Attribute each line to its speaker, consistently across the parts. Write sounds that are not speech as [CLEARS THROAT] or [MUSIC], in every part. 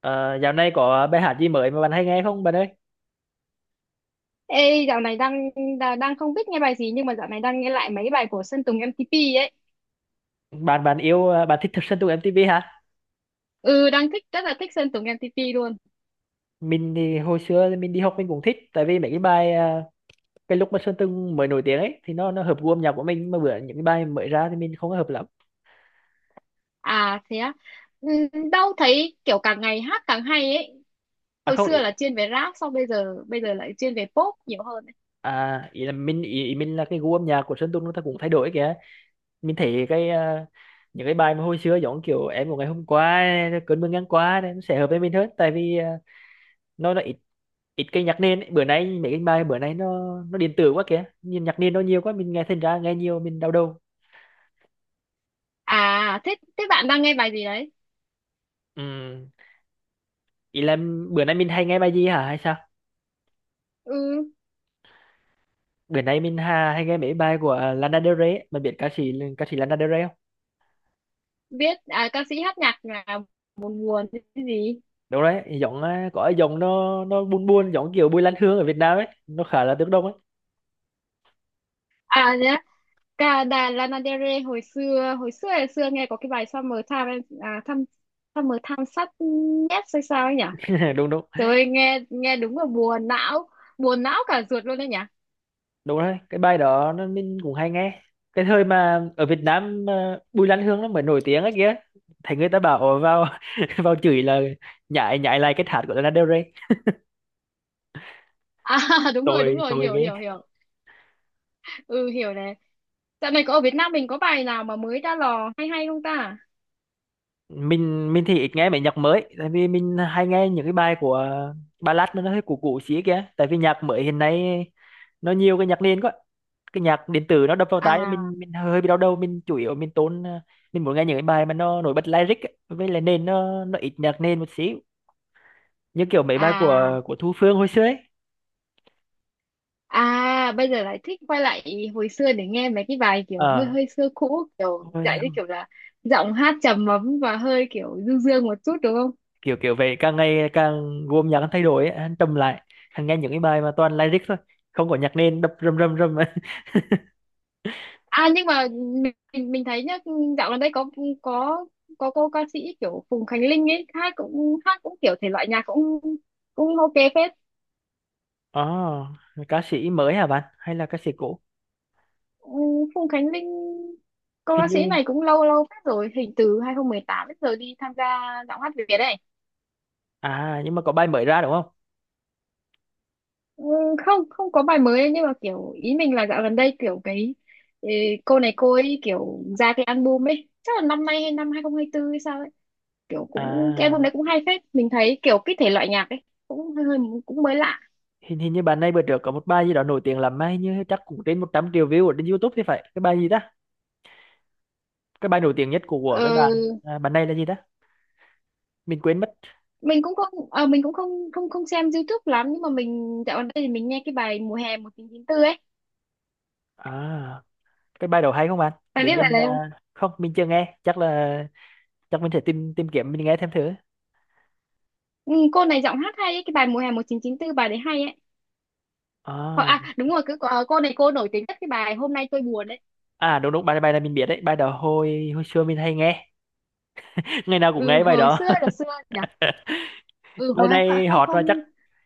Speaker 1: Ờ, dạo này có bài hát gì mới mà bạn hay nghe không bạn ơi?
Speaker 2: Ê, dạo này đang đang không biết nghe bài gì, nhưng mà dạo này đang nghe lại mấy bài của Sơn Tùng MTP ấy.
Speaker 1: Bạn bạn yêu à, bạn thích Sơn Tùng MTV hả?
Speaker 2: Ừ, đang thích, rất là thích Sơn Tùng MTP luôn.
Speaker 1: Mình thì hồi xưa thì mình đi học mình cũng thích tại vì mấy cái bài cái lúc mà Sơn Tùng mới nổi tiếng ấy thì nó hợp gu âm nhạc của mình mà bữa những cái bài mới ra thì mình không có hợp lắm.
Speaker 2: À thế á. Ừ, đâu thấy kiểu càng ngày hát càng hay ấy.
Speaker 1: À
Speaker 2: Hồi
Speaker 1: không ý,
Speaker 2: xưa là chuyên về rap, sau bây giờ lại chuyên về pop nhiều hơn ấy.
Speaker 1: à ý là mình ý, ý mình là cái gu âm nhạc của Sơn Tùng nó ta cũng thay đổi kìa. Mình thấy cái những cái bài mà hồi xưa giống kiểu em của ngày hôm qua cơn mưa ngang qua này, nó sẽ hợp với mình hơn tại vì nó là ít ít cái nhạc nền ấy. Bữa nay mấy cái bài bữa nay nó điện tử quá kìa, nhìn nhạc nền nó nhiều quá mình nghe thành ra nghe nhiều mình đau đầu.
Speaker 2: À thế thế bạn đang nghe bài gì đấy?
Speaker 1: Ừm, Ý là bữa nay mình hay nghe bài gì hả hay sao?
Speaker 2: Ừ,
Speaker 1: Bữa nay mình ha, hay nghe mấy bài của Lana Del Rey ấy. Mình biết ca sĩ Lana Del Rey không?
Speaker 2: biết à, ca sĩ hát nhạc là buồn buồn cái gì?
Speaker 1: Đúng đấy, giọng à, có cái giọng nó buồn buồn, giọng kiểu Bùi Lan Hương ở Việt Nam ấy, nó khá là tiếng Đông ấy.
Speaker 2: À, cả đà Lana Del Rey hồi xưa nghe có cái bài Summer Time em- à, thăm Summer Time sắt nhét hay sao ấy nhỉ,
Speaker 1: [LAUGHS] Đúng đúng.
Speaker 2: rồi nghe nghe đúng là buồn não, buồn não cả ruột luôn đấy nhỉ.
Speaker 1: Đúng đấy, cái bài đó nó mình cũng hay nghe. Cái thời mà ở Việt Nam mà Bùi Lan Hương nó mới nổi tiếng ấy kìa, thấy người ta bảo "Ồ, vào [LAUGHS] vào chửi là nhại nhại lại cái hát của Lana Del Rey."
Speaker 2: À, [LAUGHS] đúng rồi, đúng
Speaker 1: tôi
Speaker 2: rồi,
Speaker 1: tôi
Speaker 2: hiểu, hiểu
Speaker 1: cái
Speaker 2: hiểu Ừ, hiểu này, dạo này có ở Việt Nam mình có bài nào mà mới ra lò hay hay không ta?
Speaker 1: mình thì ít nghe mấy nhạc mới tại vì mình hay nghe những cái bài của ballad mà nó hơi cũ cũ xí kìa, tại vì nhạc mới hiện nay nó nhiều cái nhạc nền quá, cái nhạc điện tử nó đập vào tai
Speaker 2: À,
Speaker 1: mình hơi bị đau đầu. Mình chủ yếu mình tốn, mình muốn nghe những cái bài mà nó nổi bật lyric ấy, với lại nền nó ít nhạc nền một xíu, như kiểu mấy bài
Speaker 2: à,
Speaker 1: của Thu Phương hồi xưa ấy.
Speaker 2: à, bây giờ lại thích quay lại hồi xưa để nghe mấy cái bài kiểu hơi
Speaker 1: ờ
Speaker 2: hơi xưa cũ, kiểu
Speaker 1: thôi,
Speaker 2: dạng như kiểu là giọng hát trầm ấm và hơi kiểu du dương một chút đúng không?
Speaker 1: Kiểu kiểu vậy, càng ngày càng gồm nhạc anh thay đổi ấy, anh trầm lại, anh nghe những cái bài mà toàn lyric thôi, không có nhạc nền đập rầm rầm rầm [LAUGHS] ấy.
Speaker 2: À nhưng mà mình thấy nhá, dạo gần đây có có cô ca sĩ kiểu Phùng Khánh Linh ấy, hát cũng kiểu thể loại nhạc cũng cũng ok phết.
Speaker 1: Ồ, ca sĩ mới hả bạn hay là ca sĩ cũ?
Speaker 2: Ừ, Phùng Khánh Linh, cô
Speaker 1: Hình
Speaker 2: ca sĩ
Speaker 1: như
Speaker 2: này cũng lâu lâu phết rồi, hình từ 2018 đến giờ đi tham gia giọng hát Việt đấy.
Speaker 1: à, nhưng mà có bài mới ra đúng không?
Speaker 2: Ừ, không, không có bài mới ấy, nhưng mà kiểu ý mình là dạo gần đây kiểu cái, ừ, cô này cô ấy kiểu ra cái album ấy, chắc là năm nay hay năm 2024 hay sao, kiểu cũng cái album
Speaker 1: À,
Speaker 2: đấy cũng hay phết. Mình thấy kiểu cái thể loại nhạc ấy cũng hơi hơi, cũng mới lạ.
Speaker 1: hình hình như bạn này bữa trước có một bài gì đó nổi tiếng lắm, mà hình như chắc cũng trên 100 triệu view ở trên YouTube thì phải. Cái bài gì ta, cái bài nổi tiếng nhất của cái bạn
Speaker 2: ờ,
Speaker 1: à, bạn này là gì ta, mình quên mất.
Speaker 2: mình cũng không, mình cũng không không không xem YouTube lắm, nhưng mà mình dạo gần đây thì mình nghe cái bài mùa hè 1994 ấy,
Speaker 1: À cái bài đầu hay không anh
Speaker 2: bạn
Speaker 1: để
Speaker 2: biết bài
Speaker 1: mình
Speaker 2: này không?
Speaker 1: không mình chưa nghe, chắc là chắc mình sẽ tìm tìm kiếm mình nghe thêm thử.
Speaker 2: Ừ, cô này giọng hát hay ấy, cái bài mùa hè 1994 bài đấy hay ấy. Hoặc
Speaker 1: À,
Speaker 2: à đúng rồi, cứ cô này cô nổi tiếng nhất cái bài hôm nay tôi buồn đấy.
Speaker 1: à đúng đúng, bài bài này mình biết đấy, bài đó hồi hồi xưa mình hay nghe, [LAUGHS] ngày nào cũng
Speaker 2: Ừ,
Speaker 1: nghe bài
Speaker 2: hồi
Speaker 1: đó.
Speaker 2: xưa là xưa nhỉ.
Speaker 1: [LAUGHS]
Speaker 2: Ừ,
Speaker 1: Bài
Speaker 2: hồi hai,
Speaker 1: này
Speaker 2: hai
Speaker 1: hot và chắc
Speaker 2: không,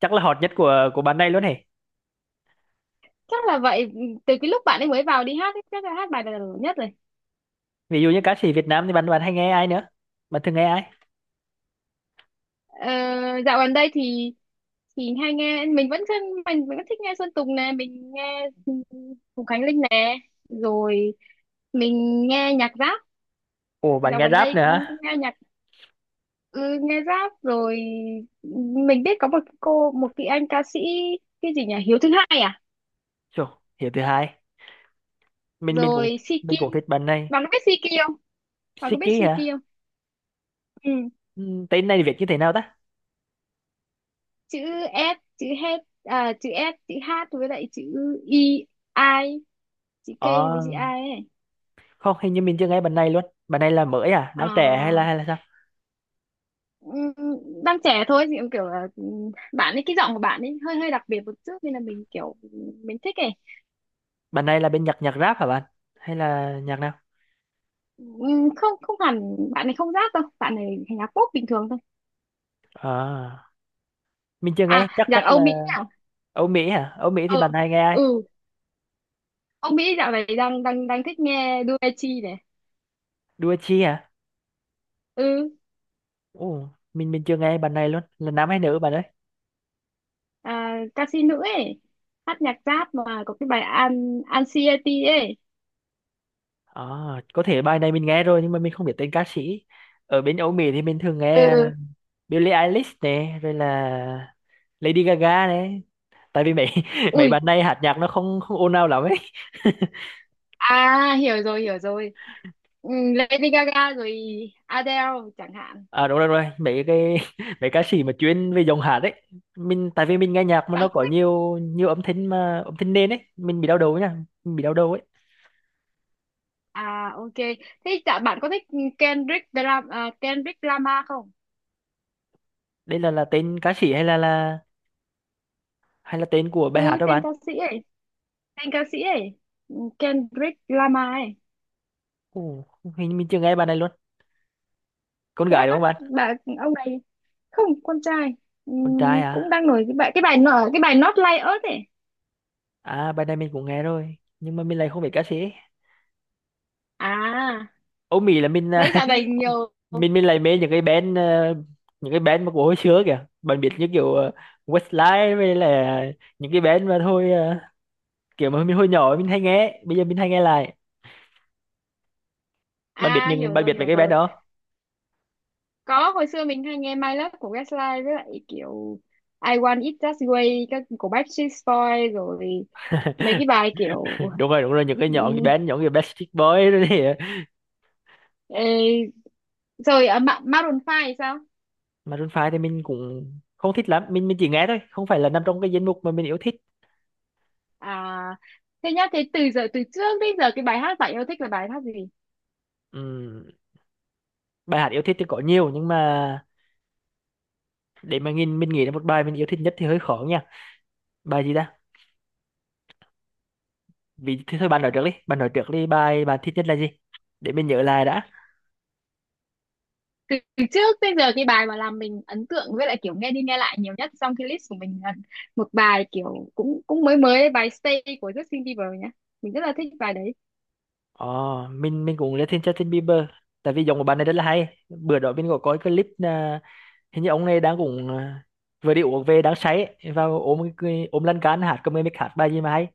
Speaker 1: chắc là hot nhất của bạn này luôn hề.
Speaker 2: chắc là vậy. Ừ, từ cái lúc bạn ấy mới vào đi hát ấy, chắc là hát bài này là nổi nhất rồi.
Speaker 1: Ví dụ như ca sĩ Việt Nam thì bạn bạn hay nghe ai nữa, bạn thường nghe ai?
Speaker 2: ờ, Dạo gần đây thì hay nghe mình vẫn thân mình vẫn thích nghe Sơn Tùng nè, mình nghe Hùng Khánh Linh nè, rồi mình nghe nhạc rap.
Speaker 1: Ồ bạn
Speaker 2: Dạo
Speaker 1: nghe
Speaker 2: gần
Speaker 1: rap
Speaker 2: đây
Speaker 1: nữa
Speaker 2: cũng, cũng
Speaker 1: hả?
Speaker 2: nghe nhạc. Ừ, nghe rap rồi. Mình biết có một cái anh ca sĩ, cái gì nhỉ, Hiếu thứ hai à,
Speaker 1: Chù, hiểu thứ hai, mình cũng,
Speaker 2: rồi Siki.
Speaker 1: mình cũng thích bạn này.
Speaker 2: Bạn có biết Siki không? Bạn có biết
Speaker 1: Siki hả?
Speaker 2: Siki không? Ừ.
Speaker 1: Ừ, tên này viết như thế nào ta?
Speaker 2: Chữ S, chữ H, à, chữ S chữ H với lại chữ I, I, chữ K với
Speaker 1: Ờ
Speaker 2: chữ I ấy.
Speaker 1: không hình như mình chưa nghe bạn này luôn, bạn này là mới à,
Speaker 2: Ờ,
Speaker 1: đang trẻ hay là sao?
Speaker 2: ừm, đang trẻ thôi, thì cũng kiểu là, bạn ấy cái giọng của bạn ấy hơi hơi đặc biệt một chút, nên là mình kiểu mình thích ấy.
Speaker 1: Bạn này là bên nhạc nhạc rap hả bạn hay là nhạc nào?
Speaker 2: Không, không hẳn bạn ấy không rap đâu, bạn ấy nhạc pop bình thường thôi.
Speaker 1: À mình chưa nghe
Speaker 2: À
Speaker 1: chắc
Speaker 2: nhạc
Speaker 1: chắc
Speaker 2: Âu
Speaker 1: là.
Speaker 2: Mỹ nào.
Speaker 1: Âu Mỹ hả? Âu Mỹ thì
Speaker 2: Ừ,
Speaker 1: bạn này nghe ai?
Speaker 2: ừ, Âu Mỹ dạo này đang đang đang thích nghe Doechii này.
Speaker 1: Đua Chi hả?
Speaker 2: Ừ.
Speaker 1: Ồ mình chưa nghe bạn này luôn, là nam hay nữ bạn ơi?
Speaker 2: À, ca sĩ nữ ấy, hát nhạc rap mà có cái bài An Anxiety ấy.
Speaker 1: À có thể bài này mình nghe rồi nhưng mà mình không biết tên ca sĩ. Ở bên Âu Mỹ thì mình thường nghe
Speaker 2: Ừ.
Speaker 1: Billie Eilish này rồi là Lady Gaga này, tại vì mấy [LAUGHS] mấy
Speaker 2: Ui,
Speaker 1: bạn này hát nhạc nó không không ồn ào lắm ấy.
Speaker 2: à hiểu rồi, hiểu rồi. Ừ, Lady Gaga rồi Adele chẳng hạn.
Speaker 1: À đúng rồi đúng rồi, mấy cái [LAUGHS] mấy ca sĩ mà chuyên về dòng hạt ấy, mình tại vì mình nghe nhạc mà nó
Speaker 2: Bạn có,
Speaker 1: có nhiều nhiều âm thanh, mà âm thanh nền ấy mình bị đau đầu nha, mình bị đau đầu ấy.
Speaker 2: à ok. Thế chả bạn có thích Kendrick Lamar không?
Speaker 1: Đây là tên ca sĩ hay là hay là tên của bài hát
Speaker 2: Ừ
Speaker 1: đó
Speaker 2: tên
Speaker 1: bạn?
Speaker 2: ca sĩ ấy, tên ca sĩ ấy, ừ, Kendrick Lamar ấy.
Speaker 1: Ồ, hình như mình chưa nghe bài này luôn. Con
Speaker 2: Thế
Speaker 1: gái
Speaker 2: á,
Speaker 1: đúng không bạn?
Speaker 2: bà ông này, không, con trai. Ừ,
Speaker 1: Con trai
Speaker 2: cũng
Speaker 1: à?
Speaker 2: đang nổi cái bài, cái bài nở cái bài Not Like Us ấy.
Speaker 1: À bài này mình cũng nghe rồi nhưng mà mình lại không biết ca sĩ ấy.
Speaker 2: À,
Speaker 1: Âu Mỹ là mình
Speaker 2: đấy dạo này nhiều.
Speaker 1: [LAUGHS] mình lại mê những cái band những cái band mà của hồi xưa kìa, bạn biết như kiểu à, Westlife với là những cái band mà thôi ờ, kiểu mà mình hồi nhỏ mình hay nghe bây giờ mình hay nghe lại. Bạn biết
Speaker 2: À
Speaker 1: những
Speaker 2: hiểu
Speaker 1: bạn
Speaker 2: rồi,
Speaker 1: biết mấy
Speaker 2: hiểu
Speaker 1: cái band
Speaker 2: rồi.
Speaker 1: đó?
Speaker 2: Có, hồi xưa mình hay nghe My Love của Westlife, với lại kiểu I Want It That Way các của Backstreet Boys, rồi
Speaker 1: [LAUGHS]
Speaker 2: mấy cái bài kiểu,
Speaker 1: Đúng rồi đúng rồi, những cái nhóm cái band nhóm cái Backstreet Boys rồi thì
Speaker 2: ừ, rồi Maroon 5 thì sao?
Speaker 1: Maroon 5 thì mình cũng không thích lắm, mình chỉ nghe thôi không phải là nằm trong cái danh mục mà mình yêu thích.
Speaker 2: À thế nhá, thế từ giờ, từ trước đến giờ cái bài hát bạn yêu thích là bài hát gì?
Speaker 1: Ừm, Bài hát yêu thích thì có nhiều nhưng mà để mà nhìn mình nghĩ là một bài mình yêu thích nhất thì hơi khó nha. Bài gì ta, vì thì thôi bạn nói trước đi bài bạn thích nhất là gì, để mình nhớ lại đã.
Speaker 2: Từ, từ trước đến giờ cái bài mà làm mình ấn tượng với lại kiểu nghe đi nghe lại nhiều nhất trong cái list của mình là một bài kiểu cũng, cũng mới mới đấy, bài Stay của Justin Bieber nhá. Mình rất là thích bài đấy.
Speaker 1: Ồ, mình cũng rất thích Justin Bieber tại vì giọng của bạn này rất là hay. Bữa đó mình có coi clip à, hình như ông này đang cũng à, vừa đi uống về đang say ấy, vào ôm cái- ôm lăn can hát cầm mic hạt bài gì mà hay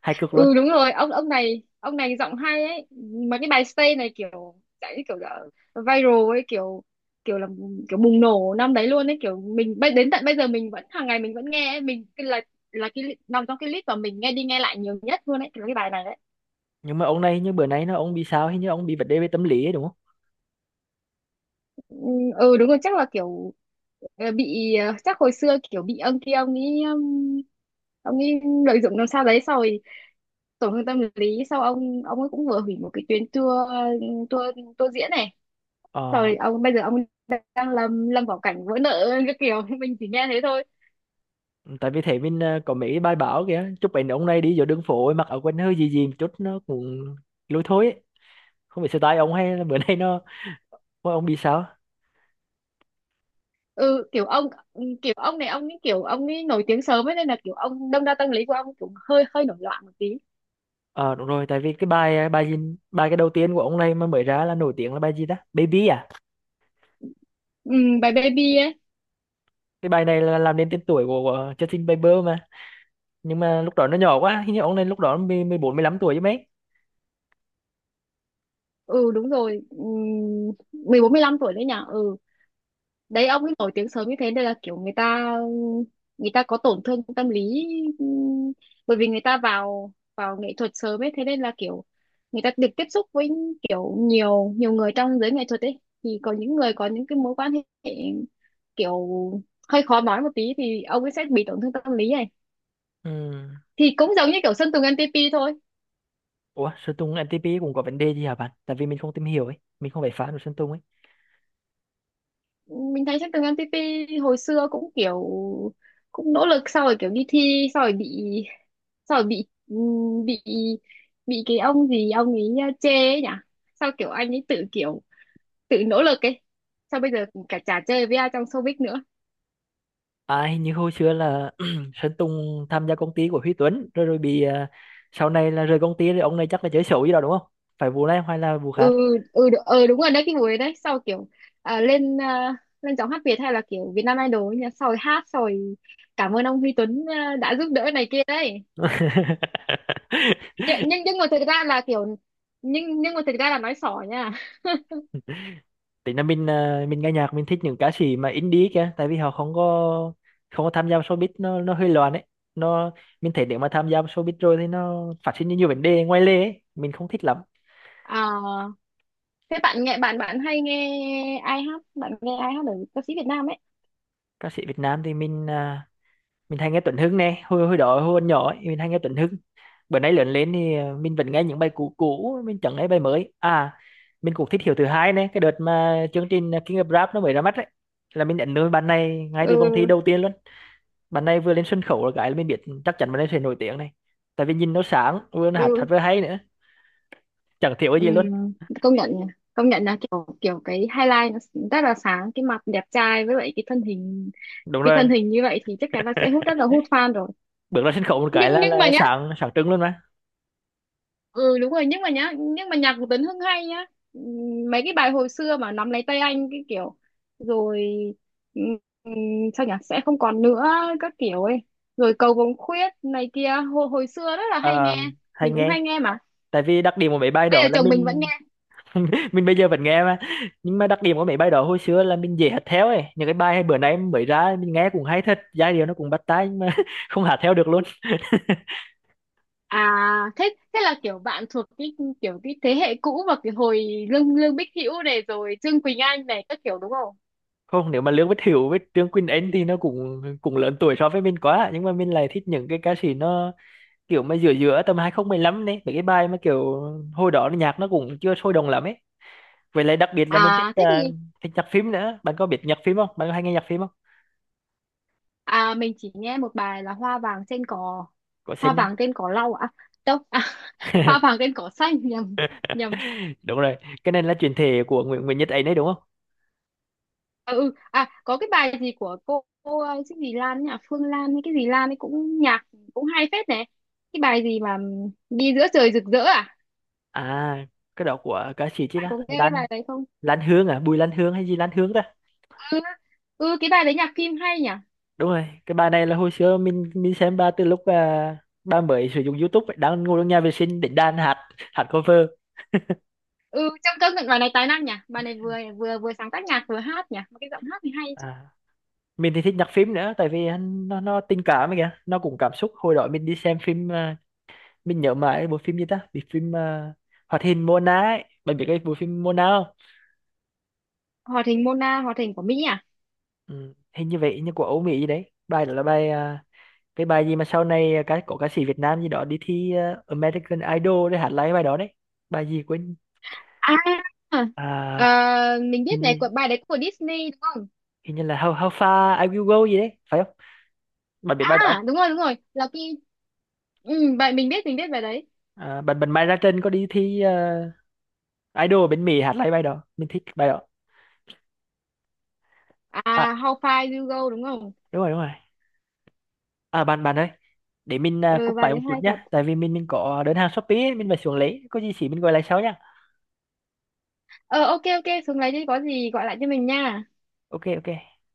Speaker 1: hay cực luôn.
Speaker 2: Ừ đúng rồi, ông này giọng hay ấy, mà cái bài Stay này kiểu dạng như kiểu là viral ấy, kiểu kiểu là kiểu bùng nổ năm đấy luôn ấy. Kiểu mình đến tận bây giờ mình vẫn hàng ngày mình vẫn nghe ấy. Mình cái là cái nằm trong cái list mà mình nghe đi nghe lại nhiều nhất luôn ấy là cái bài này đấy.
Speaker 1: Nhưng mà ông này như bữa nay nó ông bị sao, hình như ông bị vấn đề về tâm lý ấy, đúng không?
Speaker 2: Ừ, ừ, đúng rồi, chắc là kiểu, chắc hồi xưa kiểu bị ông kia ông ấy lợi dụng làm sao đấy, sau rồi tổn thương tâm lý, sau ông ấy cũng vừa hủy một cái tuyến tour, tour diễn này.
Speaker 1: Ờ
Speaker 2: Rồi ông bây giờ ông đang lâm lâm vào cảnh vỡ nợ cái kiểu, [LAUGHS] mình chỉ nghe thế thôi.
Speaker 1: tại vì thế mình à, có mấy cái bài báo kìa chụp ảnh ông này đi giữa đường phố ấy, mặc áo quần hơi gì gì một chút nó cũng lôi thôi ấy. Không biết style ông hay là bữa [LAUGHS] nay nó, ôi, ông bị sao.
Speaker 2: Ừ kiểu ông, kiểu ông này ông ấy kiểu ông ấy nổi tiếng sớm ấy, nên là kiểu ông đâm ra tâm lý của ông cũng hơi hơi nổi loạn một tí.
Speaker 1: Ờ đúng rồi tại vì cái bài ờ, bài gì, bài cái đầu tiên của ông này mà mới ra là nổi tiếng là bài gì ta, Baby à?
Speaker 2: Ừ, bài baby ấy.
Speaker 1: Cái bài này là làm nên tên tuổi của Justin Bieber mà, nhưng mà lúc đó nó nhỏ quá, hình như ông này lúc đó mười 14 15 tuổi chứ mấy.
Speaker 2: Ừ đúng rồi. Ừ, 14 15 tuổi đấy nhỉ. Ừ đấy ông ấy nổi tiếng sớm như thế nên là kiểu người ta có tổn thương tâm lý. Ừm, bởi vì người ta vào vào nghệ thuật sớm ấy, thế nên là kiểu người ta được tiếp xúc với kiểu nhiều nhiều người trong giới nghệ thuật ấy, thì có những người có những cái mối quan hệ kiểu hơi khó nói một tí, thì ông ấy sẽ bị tổn thương tâm lý này.
Speaker 1: Ừ.
Speaker 2: Thì cũng giống như kiểu Sơn Tùng MTP thôi.
Speaker 1: Ủa Sơn Tùng MTP cũng có vấn đề gì hả bạn, tại vì mình không tìm hiểu ấy, mình không phải fan của Sơn Tùng ấy.
Speaker 2: Mình thấy trên tường MTP hồi xưa cũng kiểu cũng nỗ lực, sau rồi kiểu đi thi, sau rồi bị, sau rồi bị bị cái ông gì ông ấy chê ấy nhỉ. Sao kiểu anh ấy tự kiểu tự nỗ lực ấy, sao bây giờ cả chả chơi với ai trong showbiz nữa.
Speaker 1: À hình như hồi xưa là [CLEARS THROAT] Sơn Tùng tham gia công ty của Huy Tuấn rồi rồi bị à, sau này là rời công ty rồi ông này chắc là chơi xấu gì đó đúng không, phải vụ này hay là vụ khác.
Speaker 2: Ừ, ừ đúng rồi đấy, cái buổi đấy sau kiểu, lên lên giọng hát Việt hay là kiểu Việt Nam Idol ấy nhỉ, sau rồi hát, sau rồi cảm ơn ông Huy Tuấn à, đã giúp đỡ này kia đấy.
Speaker 1: [LAUGHS]
Speaker 2: Nhưng mà thực ra là kiểu, nhưng mà thực ra là nói xỏ nha.
Speaker 1: Tính là mình à, mình nghe nhạc mình thích những ca sĩ mà indie kìa, tại vì họ không có không có tham gia vào showbiz, nó hơi loạn ấy, nó mình thấy nếu mà tham gia vào showbiz rồi thì nó phát sinh ra nhiều vấn đề ngoài lề ấy, mình không thích lắm.
Speaker 2: À, thế bạn nghe, bạn bạn hay nghe ai hát, bạn nghe ai hát ở ca sĩ Việt Nam ấy?
Speaker 1: Ca sĩ Việt Nam thì mình à, mình hay nghe Tuấn Hưng nè, hồi hồi đó hồi còn nhỏ ấy, mình hay nghe Tuấn Hưng. Bữa nay lớn lên thì à, mình vẫn nghe những bài cũ cũ mình chẳng nghe bài mới à. Mình cũng thích Hiếu thứ hai nè, cái đợt mà chương trình King of Rap nó mới ra mắt ấy là mình nhận nuôi bạn này ngay từ vòng thi
Speaker 2: Ừ,
Speaker 1: đầu tiên luôn. Bạn này vừa lên sân khấu là cái là mình biết chắc chắn bạn ấy sẽ nổi tiếng này, tại vì nhìn nó sáng, vừa nó hát hát
Speaker 2: ừ,
Speaker 1: vừa hay nữa, chẳng thiếu cái gì luôn.
Speaker 2: ừm, công nhận nhỉ. Công nhận là kiểu, kiểu cái highlight nó rất là sáng, cái mặt đẹp trai với lại cái thân hình,
Speaker 1: Đúng
Speaker 2: cái
Speaker 1: rồi,
Speaker 2: thân hình như vậy thì chắc chắn là sẽ hút, rất là hút fan rồi.
Speaker 1: bước ra sân khấu một cái
Speaker 2: nhưng nhưng mà
Speaker 1: là
Speaker 2: nhá,
Speaker 1: sáng sáng trưng luôn mà.
Speaker 2: ừ đúng rồi, nhưng mà nhá, nhưng mà nhạc của Tấn Hưng hay nhá. Mấy cái bài hồi xưa mà nắm lấy tay anh cái kiểu, rồi, ừm, ừm, sao nhỉ, sẽ không còn nữa các kiểu ấy, rồi cầu vồng khuyết này kia, hồi xưa rất là hay
Speaker 1: Ờ,
Speaker 2: nghe.
Speaker 1: hay
Speaker 2: Mình cũng hay
Speaker 1: nghe,
Speaker 2: nghe mà,
Speaker 1: tại vì đặc điểm của mấy bài
Speaker 2: bây
Speaker 1: đó
Speaker 2: giờ
Speaker 1: là
Speaker 2: chồng mình vẫn
Speaker 1: mình
Speaker 2: nghe.
Speaker 1: [LAUGHS] mình bây giờ vẫn nghe mà, nhưng mà đặc điểm của mấy bài đó hồi xưa là mình dễ hát theo ấy, những cái bài bữa nay mới ra mình nghe cũng hay thật, giai điệu nó cũng bắt tai nhưng mà [LAUGHS] không hát theo được luôn. [LAUGHS]
Speaker 2: À thế thế là kiểu bạn thuộc cái kiểu cái thế hệ cũ, và cái hồi Lương Lương Bích Hữu này, rồi Trương Quỳnh Anh này, các kiểu đúng không?
Speaker 1: Không, nếu mà Lương Bích Hữu với Trương Quỳnh Anh thì nó cũng cũng lớn tuổi so với mình quá, nhưng mà mình lại thích những cái ca sĩ nó kiểu mà giữa giữa tầm 2015 đấy, mấy cái bài mà kiểu hồi đó là nhạc nó cũng chưa sôi động lắm ấy. Vậy lại đặc biệt là mình thích
Speaker 2: À thế
Speaker 1: à,
Speaker 2: thì,
Speaker 1: thích nhạc phim nữa. Bạn có biết nhạc phim không, bạn có hay nghe nhạc phim không?
Speaker 2: à mình chỉ nghe một bài là Hoa vàng trên cỏ,
Speaker 1: Có
Speaker 2: hoa
Speaker 1: xin
Speaker 2: vàng
Speaker 1: á,
Speaker 2: trên cỏ lau à, đâu à, [LAUGHS] hoa vàng trên cỏ xanh, nhầm, nhầm.
Speaker 1: [LAUGHS] đúng rồi, cái này là chuyển thể của Nguyễn Nguyễn Nhật ấy đấy đúng không?
Speaker 2: Ừ, à có cái bài gì của cô, cái gì Lan ấy nhỉ, Phương Lan hay cái gì Lan ấy, cũng nhạc cũng hay phết này. Cái bài gì mà đi giữa trời rực rỡ à,
Speaker 1: À cái đó của ca sĩ chứ
Speaker 2: bạn
Speaker 1: đó
Speaker 2: có nghe cái
Speaker 1: Lan,
Speaker 2: bài đấy không?
Speaker 1: Lan Hương à, Bùi Lan Hương hay gì Lan Hương ta?
Speaker 2: Ừ, ừ, cái bài đấy nhạc phim hay nhỉ.
Speaker 1: Đúng rồi, cái bài này là hồi xưa mình xem ba từ lúc à, ba mới sử dụng YouTube ấy, đang ngồi trong nhà vệ sinh định đàn hát hát cover.
Speaker 2: Ừ trong, công nhận bài này tài năng nhỉ, bài này vừa vừa vừa sáng tác nhạc vừa hát nhỉ, mà cái giọng hát thì hay chứ.
Speaker 1: À mình thì thích nhạc phim nữa tại vì hắn- nó tình cảm ấy kìa, nó cũng cảm xúc. Hồi đó mình đi xem phim à, mình nhớ mãi bộ phim gì ta, bị phim à, hoạt hình Mona ấy, bạn biết cái bộ phim Mona không?
Speaker 2: Hoạt hình Mona, hoạt hình của Mỹ à.
Speaker 1: Ừ, hình như vậy như của Âu Mỹ gì đấy. Bài đó là bài à, cái bài gì mà sau này cái có ca sĩ Việt Nam gì đó đi thi à, American Idol để hát lại cái bài đó đấy, bài gì quên.
Speaker 2: À, ờ,
Speaker 1: À,
Speaker 2: mình
Speaker 1: hình,
Speaker 2: biết này,
Speaker 1: như,
Speaker 2: của bài đấy của Disney đúng không?
Speaker 1: hình như là How, How Far I Will Go gì đấy phải không, bạn biết bài đó không?
Speaker 2: À đúng rồi đúng rồi, là cái, ừ, vậy mình biết, mình biết bài đấy.
Speaker 1: À, bạn bạn Mai Ra Trân có đi thi à, Idol bên Mỹ hát lại bài đó, mình thích bài đó.
Speaker 2: À How Far You Go đúng không?
Speaker 1: Đúng rồi đúng rồi. À bạn bạn ơi, để mình à,
Speaker 2: Ừ
Speaker 1: cúp
Speaker 2: bài
Speaker 1: máy
Speaker 2: đấy
Speaker 1: một chút
Speaker 2: hay thật.
Speaker 1: nhá, tại vì mình có đơn hàng Shopee ấy, mình phải xuống lấy, có gì chỉ mình gọi lại sau nhá.
Speaker 2: Ờ ok ok, xuống lấy đi, có gì gọi lại cho mình nha.
Speaker 1: Ok ok.